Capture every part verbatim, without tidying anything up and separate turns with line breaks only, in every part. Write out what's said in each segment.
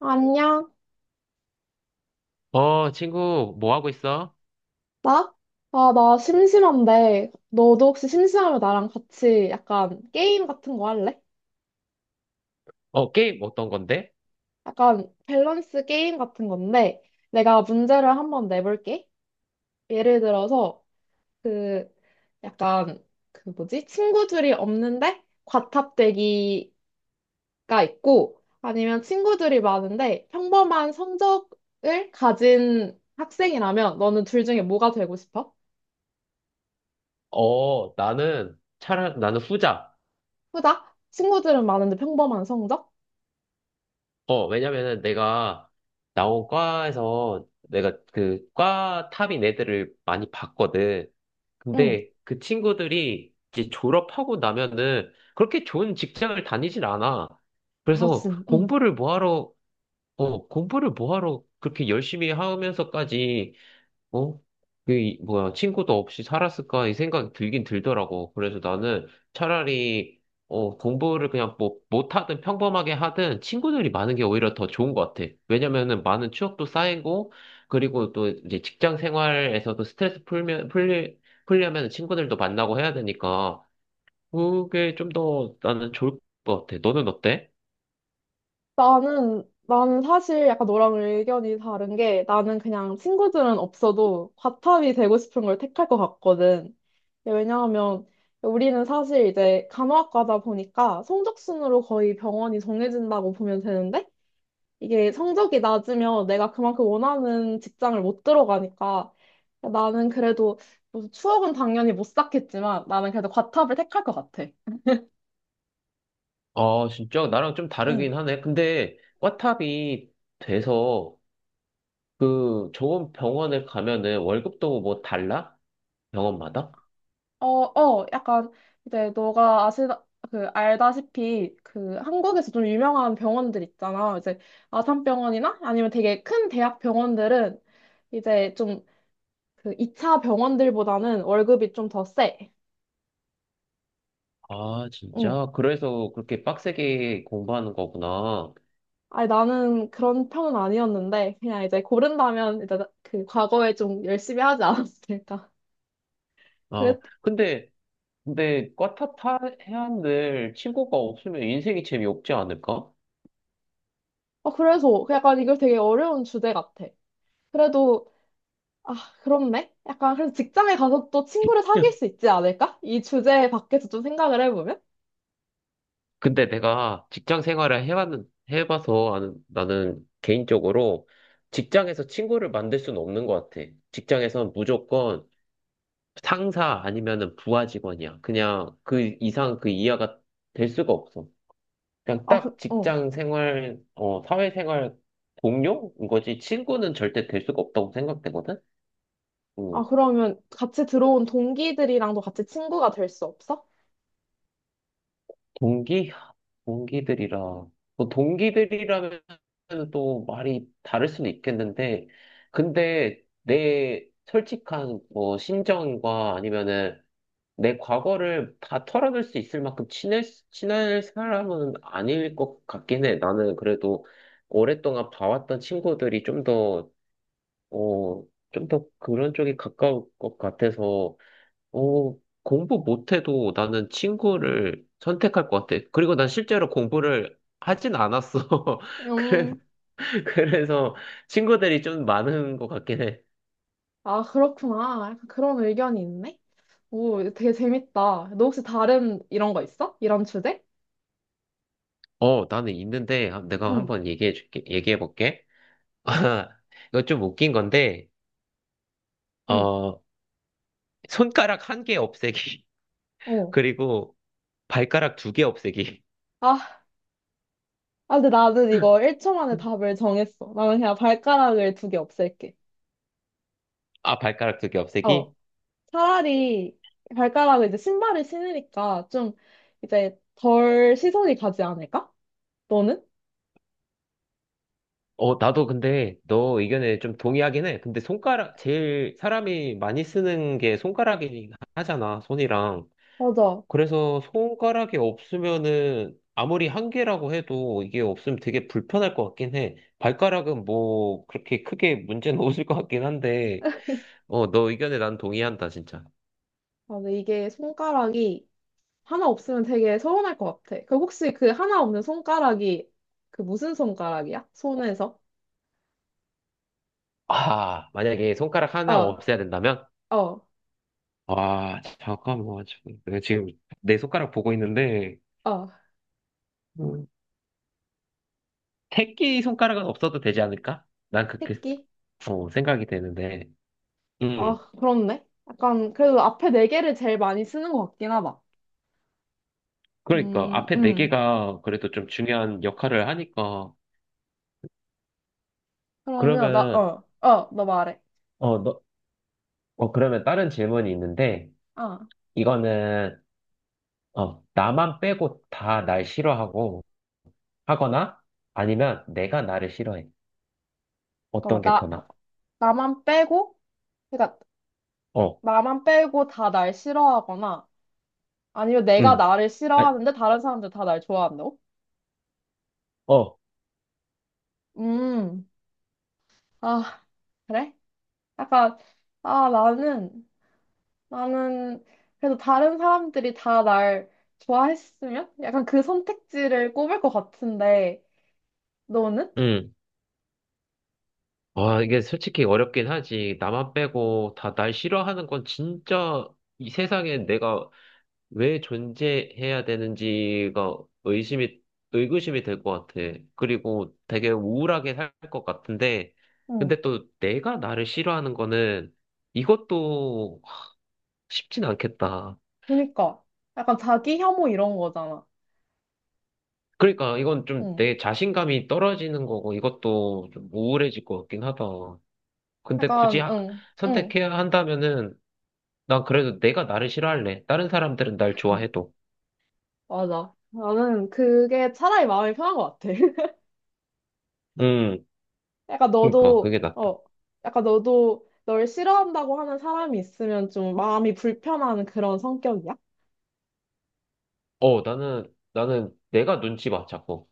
안녕?
어, 친구, 뭐 하고 있어?
나? 아, 나 심심한데, 너도 혹시 심심하면 나랑 같이 약간 게임 같은 거 할래?
어, 게임 어떤 건데?
약간 밸런스 게임 같은 건데, 내가 문제를 한번 내볼게. 예를 들어서, 그, 약간, 그 뭐지? 친구들이 없는데, 과탑되기가 있고, 아니면 친구들이 많은데, 평범한 성적을 가진 학생이라면, 너는 둘 중에 뭐가 되고 싶어?
어, 나는, 차라, 나는 후자.
후자? 친구들은 많은데 평범한 성적?
어, 왜냐면은 내가 나온 과에서 내가 그, 과 탑인 애들을 많이 봤거든.
응.
근데 그 친구들이 이제 졸업하고 나면은 그렇게 좋은 직장을 다니질 않아.
아,
그래서
진, 응.
공부를 뭐 하러, 어, 공부를 뭐 하러 그렇게 열심히 하면서까지 어? 그, 이- 뭐야, 친구도 없이 살았을까? 이 생각이 들긴 들더라고. 그래서 나는 차라리, 어, 공부를 그냥 뭐, 못하든 평범하게 하든 친구들이 많은 게 오히려 더 좋은 것 같아. 왜냐면은 많은 추억도 쌓이고, 그리고 또 이제 직장 생활에서도 스트레스 풀면, 풀리, 풀려면 친구들도 만나고 해야 되니까, 그게 좀 더 나는 좋을 것 같아. 너는 어때?
나는, 나는 사실 약간 너랑 의견이 다른 게 나는 그냥 친구들은 없어도 과탑이 되고 싶은 걸 택할 것 같거든. 왜냐하면 우리는 사실 이제 간호학과다 보니까 성적순으로 거의 병원이 정해진다고 보면 되는데 이게 성적이 낮으면 내가 그만큼 원하는 직장을 못 들어가니까 나는 그래도 뭐 추억은 당연히 못 쌓겠지만 나는 그래도 과탑을 택할 것 같아.
아, 진짜 나랑 좀
응.
다르긴 하네. 근데, 과탑이 돼서, 그 좋은 병원에 가면은 월급도 뭐 달라? 병원마다?
어, 어, 약간 이제 너가 아시다, 그 알다시피 그 한국에서 좀 유명한 병원들 있잖아. 이제 아산병원이나 아니면 되게 큰 대학 병원들은 이제 좀 그 이 차 병원들보다는 월급이 좀 더 세.
아,
응.
진짜? 그래서 그렇게 빡세게 공부하는 거구나.
아니 나는 그런 편은 아니었는데 그냥 이제 고른다면 이제 그 과거에 좀 열심히 하지 않았을까.
아,
그랬,
근데, 근데 과타타 해안들 친구가 없으면 인생이 재미없지 않을까?
어, 그래서 약간 이거 되게 어려운 주제 같아. 그래도 아, 그렇네. 약간 그래서 직장에 가서 또 친구를 사귈 수 있지 않을까? 이 주제 밖에서 좀 생각을 해보면?
근데 내가 직장 생활을 해봤는, 해봐서 아는- 나는 개인적으로 직장에서 친구를 만들 수는 없는 것 같아. 직장에선 무조건 상사 아니면은 부하 직원이야. 그냥 그 이상 그 이하가 될 수가 없어. 그냥
아,
딱
그, 어.
직장 생활, 어, 사회 생활 동료인 거지. 친구는 절대 될 수가 없다고 생각되거든?
아,
음.
그러면 같이 들어온 동기들이랑도 같이 친구가 될 수 없어?
동기? 동기들이라. 뭐 동기들이라면 또 말이 다를 수는 있겠는데, 근데 내 솔직한 뭐 심정과 아니면은 내 과거를 다 털어낼 수 있을 만큼 친해, 친할 사람은 아닐 것 같긴 해. 나는 그래도 오랫동안 봐왔던 친구들이 좀더 어, 좀 더 그런 쪽에 가까울 것 같아서, 어, 공부 못해도 나는 친구를 선택할 것 같아. 그리고 난 실제로 공부를 하진 않았어. 그래,
음,
그래서 친구들이 좀 많은 것 같긴 해.
아, 그렇구나. 약간 그런 의견이 있네. 오, 되게 재밌다. 너 혹시 다른 이런 거 있어? 이런 주제?
어, 나는 있는데, 한- 내가
응,
한번 얘기해 줄게, 얘기해 볼게. 이거 좀 웃긴 건데,
응,
어, 손가락 한 개 없애기.
어.
그리고 발가락 두 개 없애기.
아, 아, 근데 나는 이거 일 초 만에 답을 정했어. 나는 그냥 발가락을 두 개 없앨게.
아, 발가락 두 개
어.
없애기?
차라리 발가락을 이제 신발을 신으니까 좀 이제 덜 시선이 가지 않을까? 너는?
어, 나도 근데 너 의견에 좀 동의하긴 해. 근데 손가락, 제일 사람이 많이 쓰는 게 손가락이긴 하잖아, 손이랑.
맞아.
그래서 손가락이 없으면은 아무리 한 개라고 해도 이게 없으면 되게 불편할 것 같긴 해. 발가락은 뭐 그렇게 크게 문제는 없을 것 같긴 한데, 어, 너 의견에 난 동의한다, 진짜.
맞아. 이게 손가락이 하나 없으면 되게 서운할 것 같아. 그 혹시 그 하나 없는 손가락이 그 무슨 손가락이야? 손에서?
아, 만약에 손가락 하나
어,
없애야 된다면?
어,
아, 잠깐만. 지금 내가 지금 내 손가락 보고 있는데,
어.
음. 새끼 손가락은 없어도 되지 않을까? 난 그렇게
새끼?
어, 생각이 되는데. 음.
아, 그렇네. 약간 그래도 앞에 네 개를 제일 많이 쓰는 것 같긴 하다.
그러니까
음,
앞에 네
음.
개가 그래도 좀 중요한 역할을 하니까.
그러면 나,
그러면
어, 어, 너 말해.
어, 너, 어 그러면 다른 질문이 있는데
아,
이거는 어, 나만 빼고 다 날 싫어하고 하거나 아니면 내가 나를 싫어해. 어떤
잠깐만.
게 더
나,
나아?
나만 빼고? 그러니까
어.
나만 빼고 다 날 싫어하거나 아니면 내가
음.
나를
아,
싫어하는데 다른 사람들 다 날 좋아한다고?
어.
음, 아, 그래? 약간, 아, 나는, 나는 그래도 다른 사람들이 다 날 좋아했으면? 약간 그 선택지를 꼽을 것 같은데, 너는?
음. 와, 이게 솔직히 어렵긴 하지. 나만 빼고 다 날 싫어하는 건 진짜 이 세상에 내가 왜 존재해야 되는지가 의심이, 의구심이 될 것 같아. 그리고 되게 우울하게 살 것 같은데,
응,
근데 또 내가 나를 싫어하는 거는 이것도 쉽진 않겠다.
그니까. 약간 자기 혐오 이런 거잖아.
그러니까 이건 좀
응,
내 자신감이 떨어지는 거고 이것도 좀 우울해질 것 같긴 하다. 근데 굳이
약간,
하-
응, 응,
선택해야 한다면은 난 그래도 내가 나를 싫어할래. 다른 사람들은 날 좋아해도.
맞아. 나는 그게 차라리 마음이 편한 것 같아.
음,
약간
그러니까
너도,
그게 낫다.
어, 약간 너도 널 싫어한다고 하는 사람이 있으면 좀 마음이 불편한 그런 성격이야?
어, 나는, 나는 내가 눈치 봐, 자꾸.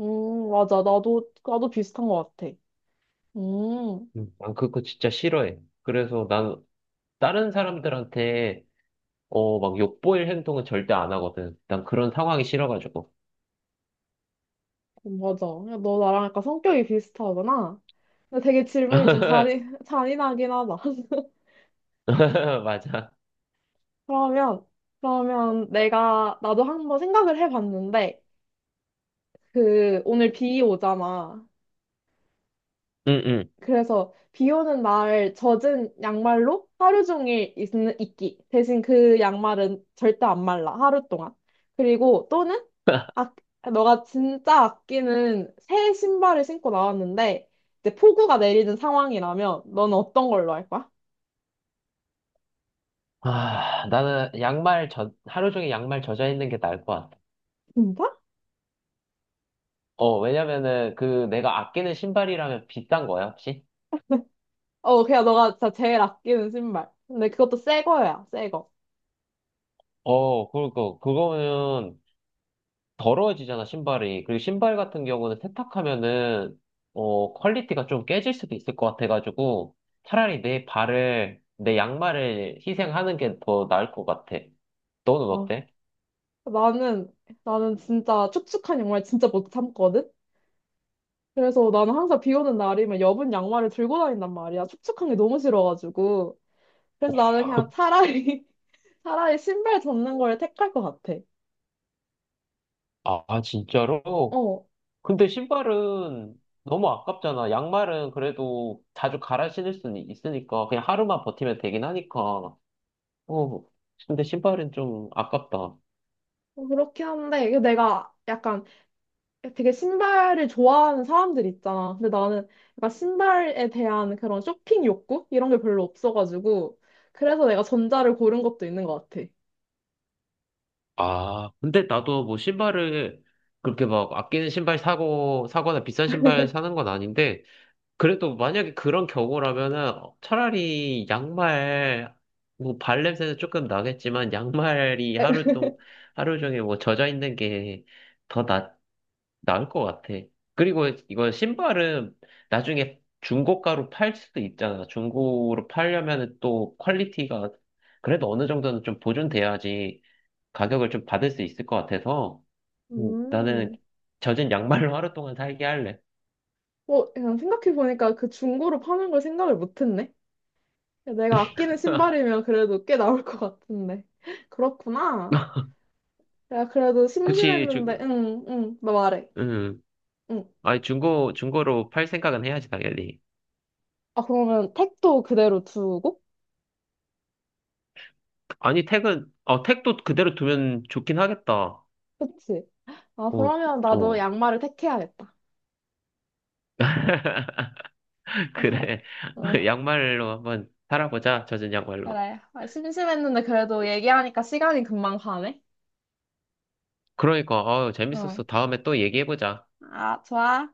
음, 맞아. 나도, 나도 비슷한 것 같아. 음,
음, 난 그거 진짜 싫어해. 그래서 난 다른 사람들한테 어, 막 욕보일 행동은 절대 안 하거든. 난 그런 상황이 싫어가지고.
맞아. 야, 너 나랑 약간 성격이 비슷하구나. 근데 되게 질문이 좀 잔인, 잔인하긴 하다.
맞아.
그러면, 그러면 내가, 나도 한번 생각을 해봤는데, 그, 오늘 비 오잖아.
응, 응.
그래서 비 오는 날 젖은 양말로 하루 종일 있, 있기. 대신 그 양말은 절대 안 말라, 하루 동안. 그리고 또는, 아, 너가 진짜 아끼는 새 신발을 신고 나왔는데, 이제 폭우가 내리는 상황이라면, 넌 어떤 걸로 할 거야?
아, 나는 양말 젖, 하루 종일 양말 젖어 있는 게 나을 것 같아.
진짜?
어, 왜냐면은 그 내가 아끼는 신발이라면 비싼 거야, 혹시?
어, 그냥 너가 진짜 제일 아끼는 신발. 근데 그것도 새 거야, 새 거.
어, 그러니까 그거는 더러워지잖아, 신발이. 그리고 신발 같은 경우는 세탁하면은, 어, 퀄리티가 좀 깨질 수도 있을 것 같아가지고, 차라리 내 발을, 내 양말을 희생하는 게 더 나을 것 같아. 너는
어,
어때?
나는, 나는 진짜 축축한 양말 진짜 못 참거든? 그래서 나는 항상 비 오는 날이면 여분 양말을 들고 다닌단 말이야. 축축한 게 너무 싫어가지고. 그래서 나는 그냥 차라리, 차라리 신발 접는 걸 택할 것 같아.
아, 아, 진짜로?
어,
근데 신발은 너무 아깝잖아. 양말은 그래도 자주 갈아 신을 수는 있으니까, 그냥 하루만 버티면 되긴 하니까. 어, 근데 신발은 좀 아깝다.
그렇긴 한데, 이게 내가 약간 되게 신발을 좋아하는 사람들 있잖아. 근데 나는 약간 신발에 대한 그런 쇼핑 욕구? 이런 게 별로 없어가지고. 그래서 내가 전자를 고른 것도 있는 것 같아.
아, 근데 나도 뭐 신발을 그렇게 막 아끼는 신발 사고, 사거나 비싼 신발 사는 건 아닌데, 그래도 만약에 그런 경우라면은 차라리 양말, 뭐 발냄새는 조금 나겠지만, 양말이 하루 동, 하루 종일 뭐 젖어 있는 게 더 나, 나을 것 같아. 그리고 이거 신발은 나중에 중고가로 팔 수도 있잖아. 중고로 팔려면은 또 퀄리티가 그래도 어느 정도는 좀 보존돼야지. 가격을 좀 받을 수 있을 것 같아서 음. 나는
음.
젖은 양말로 하루 동안 살게 할래.
뭐, 그냥 생각해보니까 그 중고로 파는 걸 생각을 못했네. 내가 아끼는 신발이면 그래도 꽤 나올 것 같은데. 그렇구나. 내가 그래도
그치,
심심했는데,
주,
응, 응, 너 말해.
음.
응.
아니, 중고, 중고로 팔 생각은 해야지, 당연히.
아, 그러면 택도 그대로 두고?
아니, 택은, 어, 택도 그대로 두면 좋긴 하겠다.
그치? 아,
어,
그러면 나도
어.
양말을 택해야겠다. 아,
그래.
어,
양말로 한번 살아보자, 젖은 양말로.
그래. 아, 심심했는데 그래도 얘기하니까 시간이 금방 가네.
그러니까, 어,
응.
재밌었어. 다음에 또 얘기해보자.
아, 좋아.